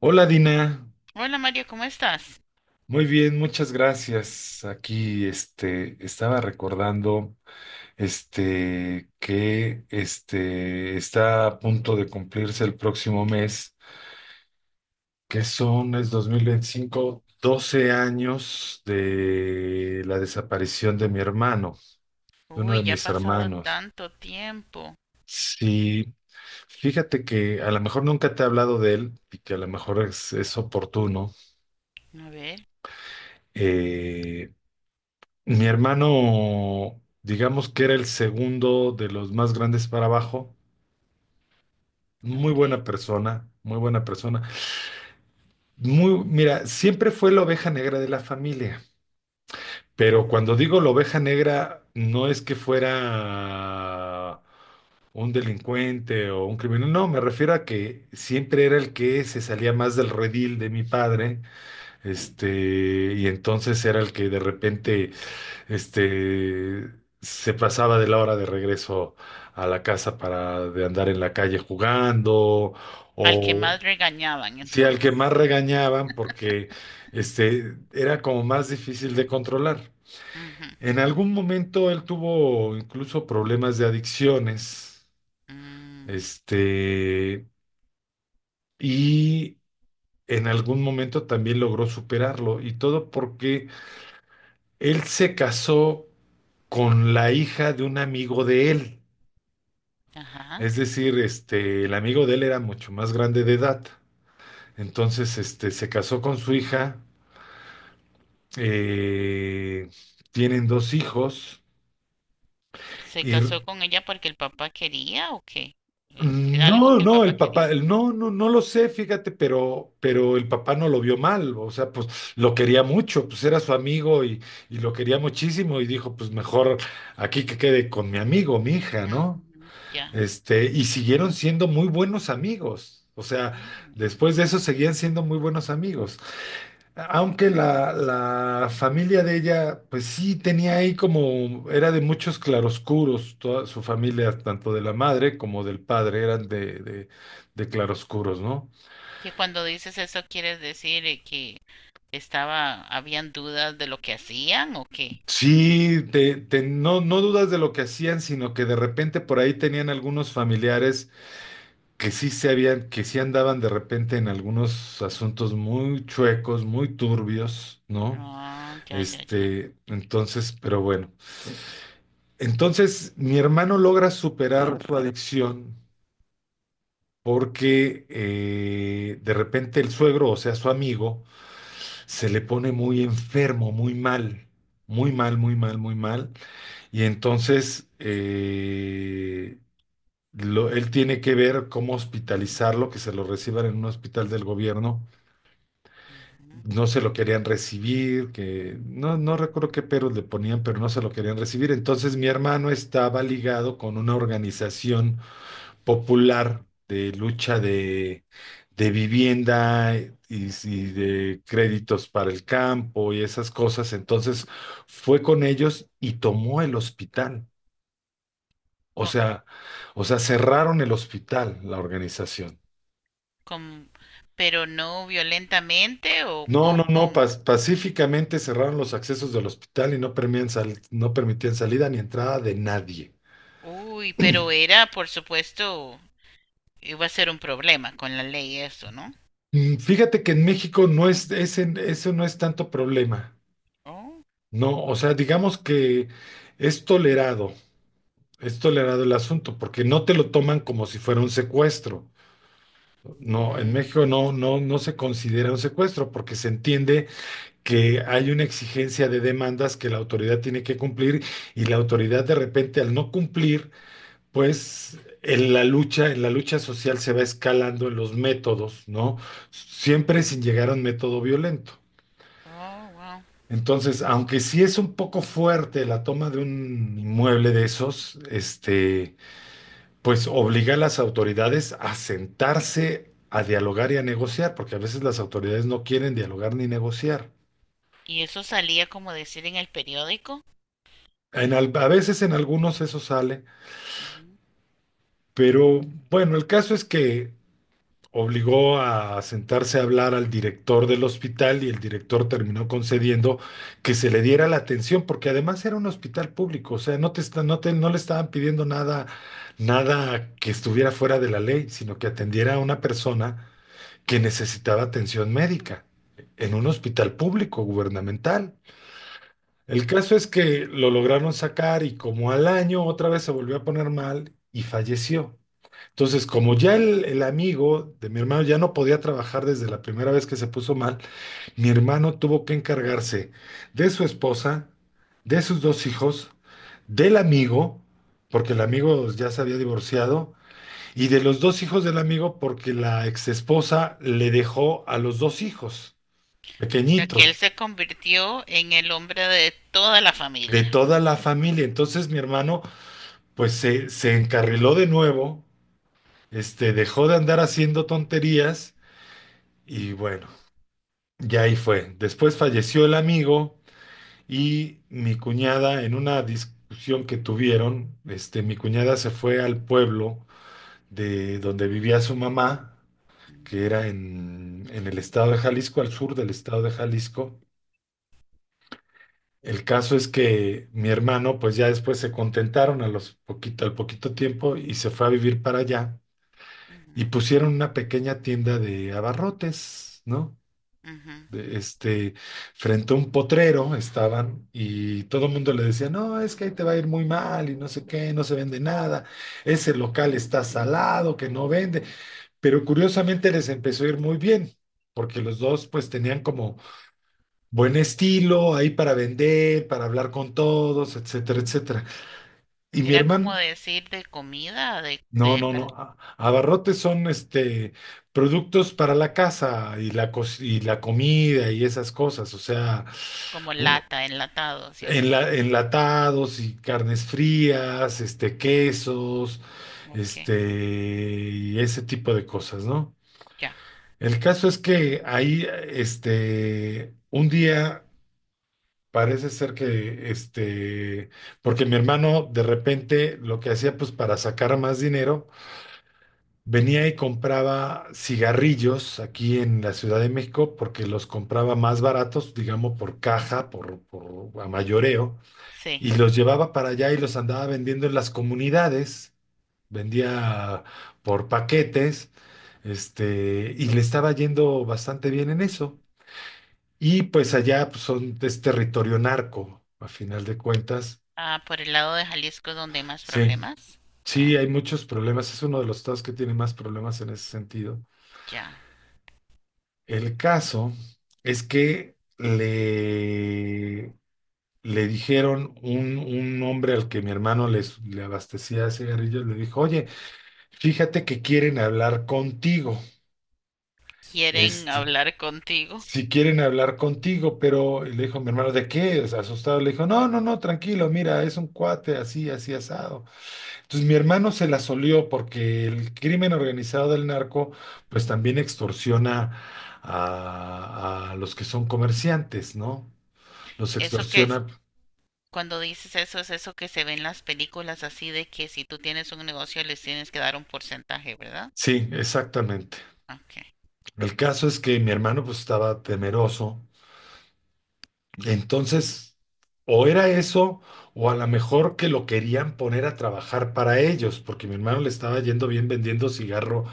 Hola Dina, Hola Mario, ¿cómo estás? muy bien, muchas gracias. Aquí estaba recordando que está a punto de cumplirse el próximo mes, que son es 2025, 12 años de la desaparición de mi hermano, de uno de Uy, ya ha mis pasado hermanos. tanto tiempo. Sí, fíjate que a lo mejor nunca te he hablado de él y que a lo mejor es oportuno. A ver, Eh, Mi hermano, digamos que era el segundo de los más grandes para abajo. Muy buena ok. persona, muy buena persona. Mira, siempre fue la oveja negra de la familia. Pero Mm. cuando digo la oveja negra, no es que fuera un delincuente o un criminal. No, me refiero a que siempre era el que se salía más del redil de mi padre. Y entonces era el que de repente Este, se pasaba de la hora de regreso a la casa, para de andar en la calle jugando. Al que O más regañaban Sí, al que entonces. más regañaban porque era como más difícil de controlar. Ujú, En algún momento él tuvo incluso problemas de adicciones, mm, este, y en algún momento también logró superarlo, y todo porque él se casó con la hija de un amigo de él. ajá. Es decir, el amigo de él era mucho más grande de edad. Entonces, se casó con su hija, eh, tienen dos hijos ¿Se y r- casó con ella porque el papá quería o qué? ¿Era algo no, que el no, papá el quería? papá, no, no, no lo sé, fíjate, pero, el papá no lo vio mal, o sea, pues lo quería mucho, pues era su amigo, y lo quería muchísimo y dijo, pues mejor aquí que quede con mi amigo, mi hija, ¿no? Mm, ya. Y siguieron siendo muy buenos amigos, o sea, Mm. después de eso seguían siendo muy buenos amigos. Aunque la familia de ella, pues sí, tenía ahí como, era de muchos claroscuros, toda su familia, tanto de la madre como del padre, eran de, de claroscuros, ¿no? Que cuando dices eso quieres decir que estaba, ¿habían dudas de lo que hacían o qué? Sí, no, no dudas de lo que hacían, sino que de repente por ahí tenían algunos familiares que sí andaban de repente en algunos asuntos muy chuecos, muy turbios, ¿no? Ah, ya, ya, ya. Entonces, pero bueno. Entonces, mi hermano logra superar su adicción porque de repente el suegro, o sea, su amigo, se le pone muy enfermo, muy mal, muy mal, muy mal, muy mal. Y entonces él tiene que ver cómo hospitalizarlo, que se lo reciban en un hospital del gobierno. No se lo querían recibir, que no, no recuerdo qué peros le ponían, pero no se lo querían recibir. Entonces mi hermano estaba ligado con una organización popular de lucha de, vivienda, y de créditos para el campo y esas cosas. Entonces fue con ellos y tomó el hospital. O Ujú. sea, cerraron el hospital, la organización. Como- pero no violentamente No, o no, no, cómo. Pacíficamente cerraron los accesos del hospital y no permitían salida ni entrada de nadie. Uy, pero era, por supuesto, iba a ser un problema con la ley eso, ¿no? Fíjate que en México ese no es tanto problema. Oh, No, o sea, digamos que es tolerado, es tolerado el asunto, porque no te lo toman como si fuera un secuestro. No, en mm, México no, no, no se considera un secuestro, porque se entiende que hay una exigencia de demandas que la autoridad tiene que cumplir, y la autoridad de repente al no cumplir, pues en la lucha, social se va escalando en los métodos, ¿no? Siempre sin llegar a un método violento. oh, wow. Entonces, aunque sí es un poco fuerte la toma de un inmueble de esos, pues obliga a las autoridades a sentarse a dialogar y a negociar, porque a veces las autoridades no quieren dialogar ni negociar. ¿Y eso salía como decir en el periódico? A veces en algunos eso sale, Ujú, pero bueno, el caso es que obligó a sentarse a hablar al director del hospital y el director terminó concediendo que se le diera la atención, porque además era un hospital público, o sea, no te está- no te- no le estaban pidiendo nada, nada que estuviera fuera de la ley, sino que atendiera a una persona que necesitaba atención médica en un ujú. hospital público gubernamental. El caso es que lo lograron sacar y como al año otra vez se volvió a poner mal y falleció. Entonces, como ya el amigo de mi hermano ya no podía trabajar desde la primera vez que se puso mal, mi hermano tuvo que encargarse de su esposa, de sus dos hijos, del amigo, porque el amigo ya se había divorciado, y de los dos hijos del amigo, porque la exesposa le dejó a los dos hijos O sea que pequeñitos, él se convirtió en el hombre de toda la de familia. toda la familia. Entonces mi hermano, pues se encarriló de nuevo, dejó de andar haciendo tonterías, y bueno, y ahí fue. Después falleció el amigo y mi cuñada, en una discusión que tuvieron, mi cuñada se fue al pueblo de donde vivía su mamá, que Ujú, era en, el estado de Jalisco, al sur del estado de Jalisco. El caso es que mi hermano, pues ya después se contentaron al poquito tiempo y se fue a vivir para allá y ujú, pusieron una pequeña tienda de abarrotes, ¿no? ujú. de- este, Frente a un potrero estaban y todo el mundo le decía, no, es que ahí te va a ir muy mal y no sé qué, no se vende nada, ese local está salado, que no vende, pero curiosamente les empezó a ir muy bien, porque los dos pues tenían como buen estilo ahí para vender, para hablar con todos, etcétera, etcétera. Y mi Era como hermano, decir de comida, no, de no, para- no, abarrotes son, productos para la casa y la, y la comida y esas cosas, o sea, como lata, enlatados y así. Enlatados y carnes frías, quesos, Ok, y ese tipo de cosas, ¿no? ya, El caso es que ahí, un día parece ser que, porque mi hermano de repente lo que hacía, pues para sacar más dinero, venía y compraba cigarrillos aquí en la Ciudad de México porque los compraba más baratos, digamos, por caja, por a mayoreo, sí. y los llevaba para allá y los andaba vendiendo en las comunidades, vendía por paquetes, y le estaba yendo bastante bien en eso. Y pues allá pues, es territorio narco, a final de cuentas. Ah, por el lado de Jalisco es donde hay más Sí, problemas. sí, Ah, hay muchos problemas. Es uno de los estados que tiene más problemas en ese sentido. ya. El caso es que le dijeron, un hombre al que mi hermano le abastecía cigarrillos, le dijo, oye, fíjate que quieren hablar contigo. Quieren Este, hablar contigo. si quieren hablar contigo, pero, y le dijo mi hermano, ¿de qué? O sea, asustado, le dijo, no, no, no, tranquilo, mira, es un cuate así, así asado. Entonces mi hermano se la solió porque el crimen organizado del narco pues también extorsiona a los que son comerciantes, ¿no? Los Eso que es, extorsiona. cuando dices eso, es eso que se ve en las películas así de que si tú tienes un negocio les tienes que dar un porcentaje, ¿verdad? Sí, exactamente. Ok. El caso es que mi hermano pues estaba temeroso. Entonces, o era eso, o a lo mejor que lo querían poner a trabajar para ellos, porque mi hermano le estaba yendo bien vendiendo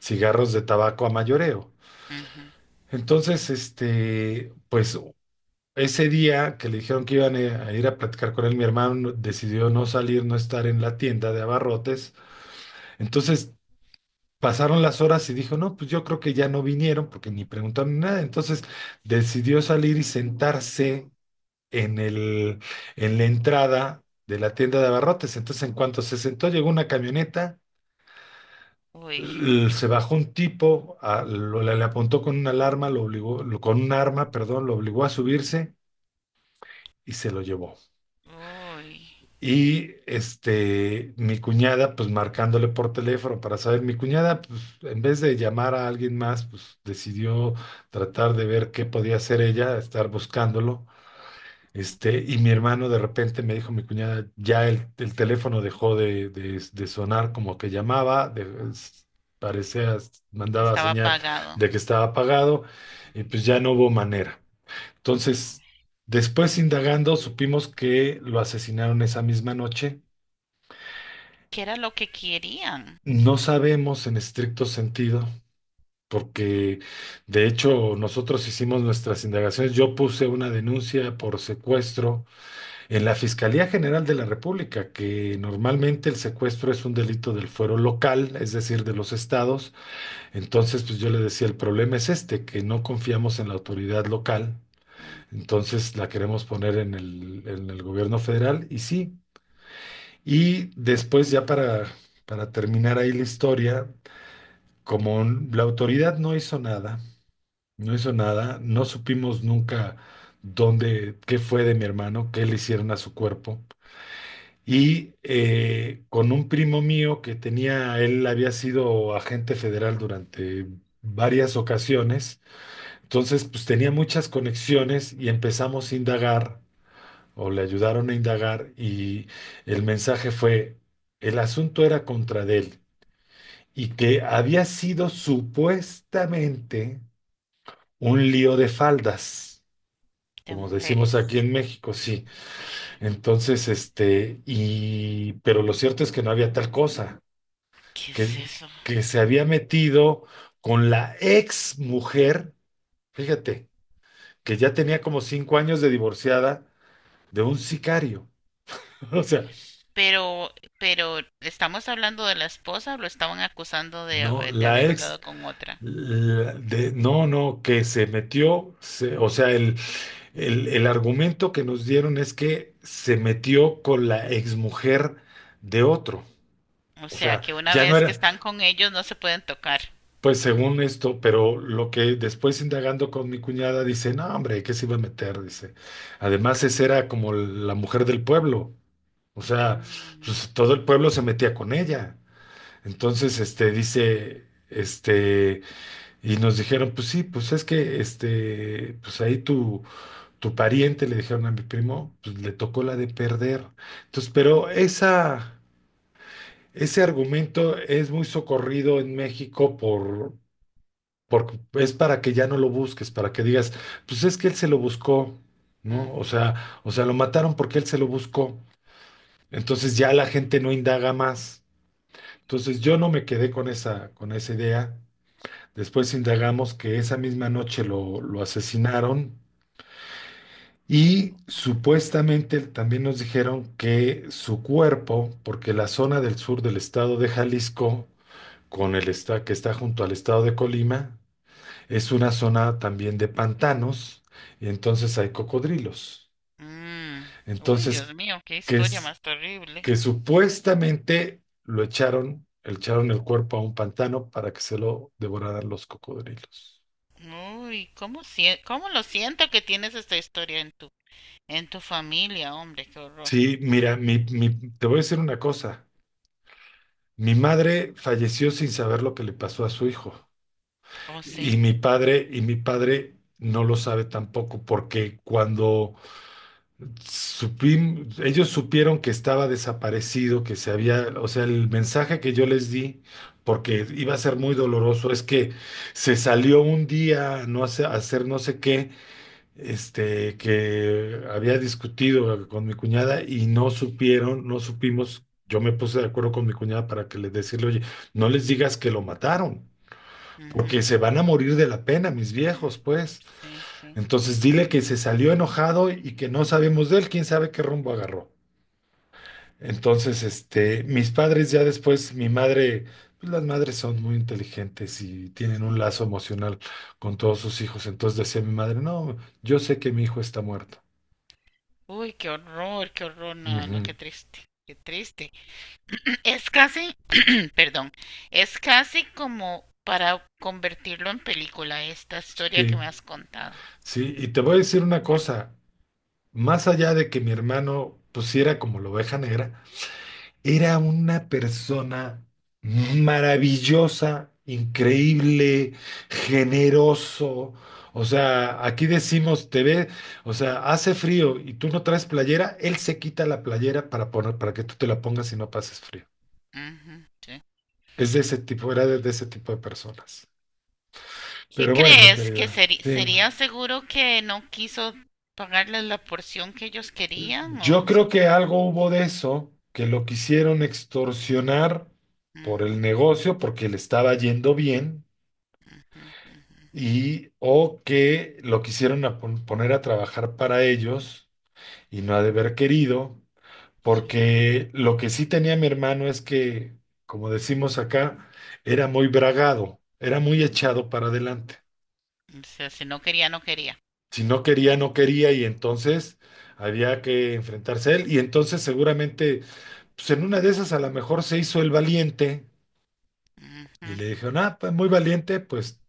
cigarros de tabaco a mayoreo. Ujú. Entonces, pues ese día que le dijeron que iban a ir a platicar con él, mi hermano no, decidió no salir, no estar en la tienda de abarrotes. Entonces, pasaron las horas y dijo, no, pues yo creo que ya no vinieron porque ni preguntaron ni nada. Entonces, decidió salir y sentarse en el, en la entrada de la tienda de abarrotes. Entonces, en cuanto se sentó, llegó una camioneta, Uy, se bajó un tipo, le apuntó con una alarma, lo obligó, con un arma, perdón, lo obligó a subirse y se lo llevó. uy, Y mi cuñada, pues marcándole por teléfono para saber, mi cuñada, pues en vez de llamar a alguien más, pues decidió tratar de ver qué podía hacer ella, estar buscándolo. Y mi hermano de repente me dijo, mi cuñada, ya el teléfono dejó de, de sonar como que llamaba, es- parecía, que mandaba estaba señal pagado. de que estaba apagado, y pues ya no hubo manera. Entonces, después indagando, supimos que lo asesinaron esa misma noche. ¿Qué era lo que querían? No sabemos en estricto sentido, porque de hecho nosotros hicimos nuestras indagaciones. Yo puse una denuncia por secuestro en la Fiscalía General de la República, que normalmente el secuestro es un delito del fuero local, es decir, de los estados, entonces pues yo le decía, el problema es este, que no confiamos en la autoridad local, Ujú, entonces la queremos poner en el, gobierno federal, y sí. Y después, ya para, terminar ahí la historia, como la autoridad no hizo nada, no hizo nada, no supimos nunca dónde, qué fue de mi hermano, qué le hicieron a su cuerpo. Con un primo mío que tenía, él había sido agente federal durante varias ocasiones, entonces pues tenía muchas conexiones y empezamos a indagar o le ayudaron a indagar y el mensaje fue, el asunto era contra de él y que había sido supuestamente un lío de faldas, de como decimos aquí mujeres. en México, sí. Entonces, este, y, pero lo cierto es que no había tal cosa. ¿Qué que, es eso? que se había metido con la ex mujer, fíjate, que ya tenía como 5 años de divorciada de un sicario. O sea, Pero, pero, ¿estamos hablando de la esposa o lo estaban acusando de, no, de la haber ex, andado con otra? la- de, no, no, que se metió, se- o sea, el, el argumento que nos dieron es que se metió con la ex mujer de otro. O O sea, sea, que una ya no vez que era, están con ellos no se pueden tocar. pues según esto, pero lo que después indagando con mi cuñada dice, no, hombre, ¿qué se iba a meter? Dice, además esa era como la mujer del pueblo, o sea, Mm, pues, todo el pueblo se metía con ella. Entonces, este, dice, este, y nos dijeron, pues sí, pues es que, este, pues ahí tu, tu pariente, le dijeron a mi primo, pues le tocó la de perder. Entonces, pero esa... Ese argumento es muy socorrido en México por, porque es para que ya no lo busques, para que digas, pues es que él se lo buscó, ¿no? Ujú, O sea, lo mataron porque él se lo buscó. Entonces ya la gente no indaga más. Entonces yo no me quedé con esa idea. Después indagamos que esa misma noche lo asesinaron y supuestamente también nos dijeron que su cuerpo, porque la zona del sur del estado de Jalisco, con el esta- que está junto al estado de Colima, es una zona también de pantanos y entonces hay cocodrilos. mm. Uy, Entonces, Dios mío, qué que historia es más terrible. que supuestamente lo echaron, le echaron el cuerpo a un pantano para que se lo devoraran los cocodrilos. Uy, cómo, cómo lo siento que tienes esta historia en tu familia, hombre, qué horror. Sí, mira, mi- te voy a decir una cosa. Mi madre falleció sin saber lo que le pasó a su hijo. Oh, sí. Y mi padre no lo sabe tampoco, porque cuando supim- ellos supieron que estaba desaparecido, que se había, o sea, el mensaje que yo les di, porque iba a ser muy doloroso, es que se salió un día no hace- a hacer no sé qué, este, que había discutido con mi cuñada y no supieron, no supimos. Yo me puse de acuerdo con mi cuñada para que le decirle, oye, no les digas que lo mataron, Ujú, porque se van a morir de la pena, mis mm, viejos, pues. sí, sí, Entonces dile que se salió enojado y que no sabemos de él, quién sabe qué rumbo agarró. Entonces, este, mis padres ya después, mi madre, pues las madres son muy inteligentes y tienen un sí. lazo emocional con todos sus hijos. Entonces decía mi madre, no, yo sé que mi hijo está muerto. Uy, qué horror, no, no, qué Ujú. triste, qué triste. Es casi, perdón, es casi como para convertirlo en película esta historia que me Sí, has contado. sí, y te voy a decir una cosa, más allá de que mi hermano pusiera como la oveja negra, era una persona maravillosa, increíble, generoso. O sea, aquí decimos, te ve, o sea, hace frío y tú no traes playera, él se quita la playera para poner, para que tú te la pongas y no pases frío. Ujú, sí. Es de ese tipo, era de ese tipo de personas. ¿Qué Pero bueno, crees? ¿Que querida, sí. sería seguro que no quiso pagarles la porción que ellos querían? Yo ¿O se- creo que algo hubo de eso, que lo quisieron extorsionar por el ujú, negocio, porque le estaba yendo bien ujú, y o que lo quisieron a pon- poner a trabajar para ellos y no ha de haber querido, sí. porque lo que sí tenía mi hermano es que, como decimos acá, era muy bragado, era muy echado para adelante. O sea, si no quería, no quería. Si no quería, no quería, y entonces había que enfrentarse a él y entonces seguramente, pues en una de esas a lo mejor se hizo el valiente Ujú. y le dijeron, ah, pues muy valiente, pues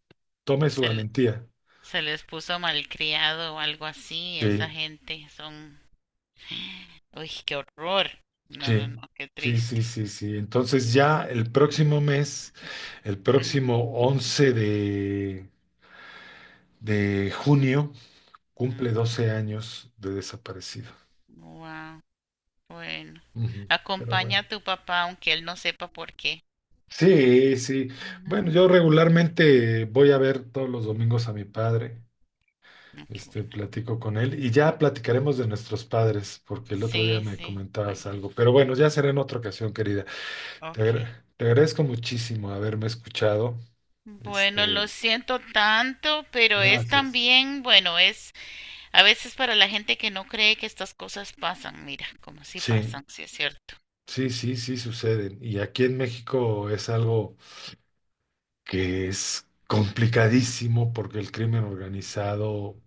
tome su Se, le- valentía. Se les puso malcriado o algo así. Esa Sí. gente son... ¡Uy, qué horror! No, no, Sí, no, qué sí, sí, triste. sí, sí. Entonces ya el próximo mes, el próximo 11 de junio, cumple 12 años de desaparecido. Wow, bueno. Ujú. Pero Acompaña bueno. a tu papá aunque él no sepa por qué. Sí, sí. Bueno, yo Ujú. regularmente voy a ver todos los domingos a mi padre, Ah, qué este, bueno. platico con él y ya platicaremos de nuestros padres, porque el otro día Sí, me sí, pues, comentabas algo. Pero bueno, ya será en otra ocasión, querida. Te, ok. agra- te agradezco muchísimo haberme escuchado. Bueno, lo Este, siento tanto, pero es gracias. también, bueno, es a veces para la gente que no cree que estas cosas pasan, mira, como si Sí, pasan, sí es cierto. sí, sí, sí suceden. Y aquí en México es algo que es complicadísimo porque el crimen organizado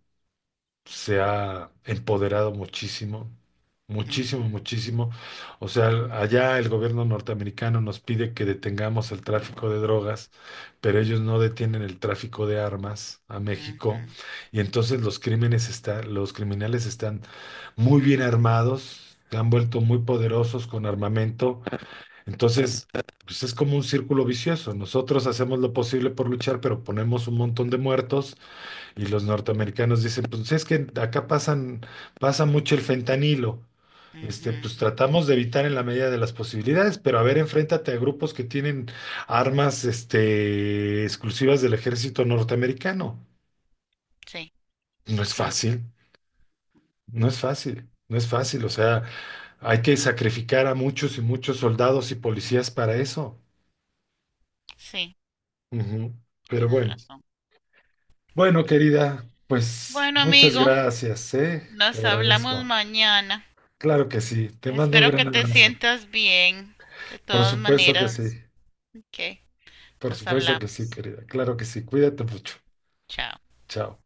se ha empoderado muchísimo, muchísimo, Ujú, muchísimo. O sea, el- allá el gobierno norteamericano nos pide que detengamos el tráfico de drogas, pero ellos no detienen el tráfico de armas a ujú, México. Y entonces los crímenes está- los criminales están muy bien armados, se han vuelto muy poderosos con armamento. Entonces, pues es como un círculo vicioso. Nosotros hacemos lo posible por luchar, pero ponemos un montón de muertos y los norteamericanos dicen, pues es que acá pasan, pasa mucho el fentanilo. Este, pues ujú. tratamos de evitar en la medida de las posibilidades, pero a ver, enfréntate a grupos que tienen armas, este, exclusivas del ejército norteamericano. Sí, No sí, es sí, fácil, no es fácil, no es fácil. O sea, hay que sacrificar a muchos y muchos soldados y policías para eso. sí, Ujú. Pero tienes bueno, razón. bueno, querida, pues Bueno, muchas amigo, gracias, ¿eh? Te nos hablamos agradezco. mañana. Claro que sí, te mando un Espero que gran te abrazo. sientas bien. De Por todas supuesto que sí, maneras, ok, por nos supuesto que sí, hablamos. querida. Claro que sí, cuídate mucho. Chao. Chao.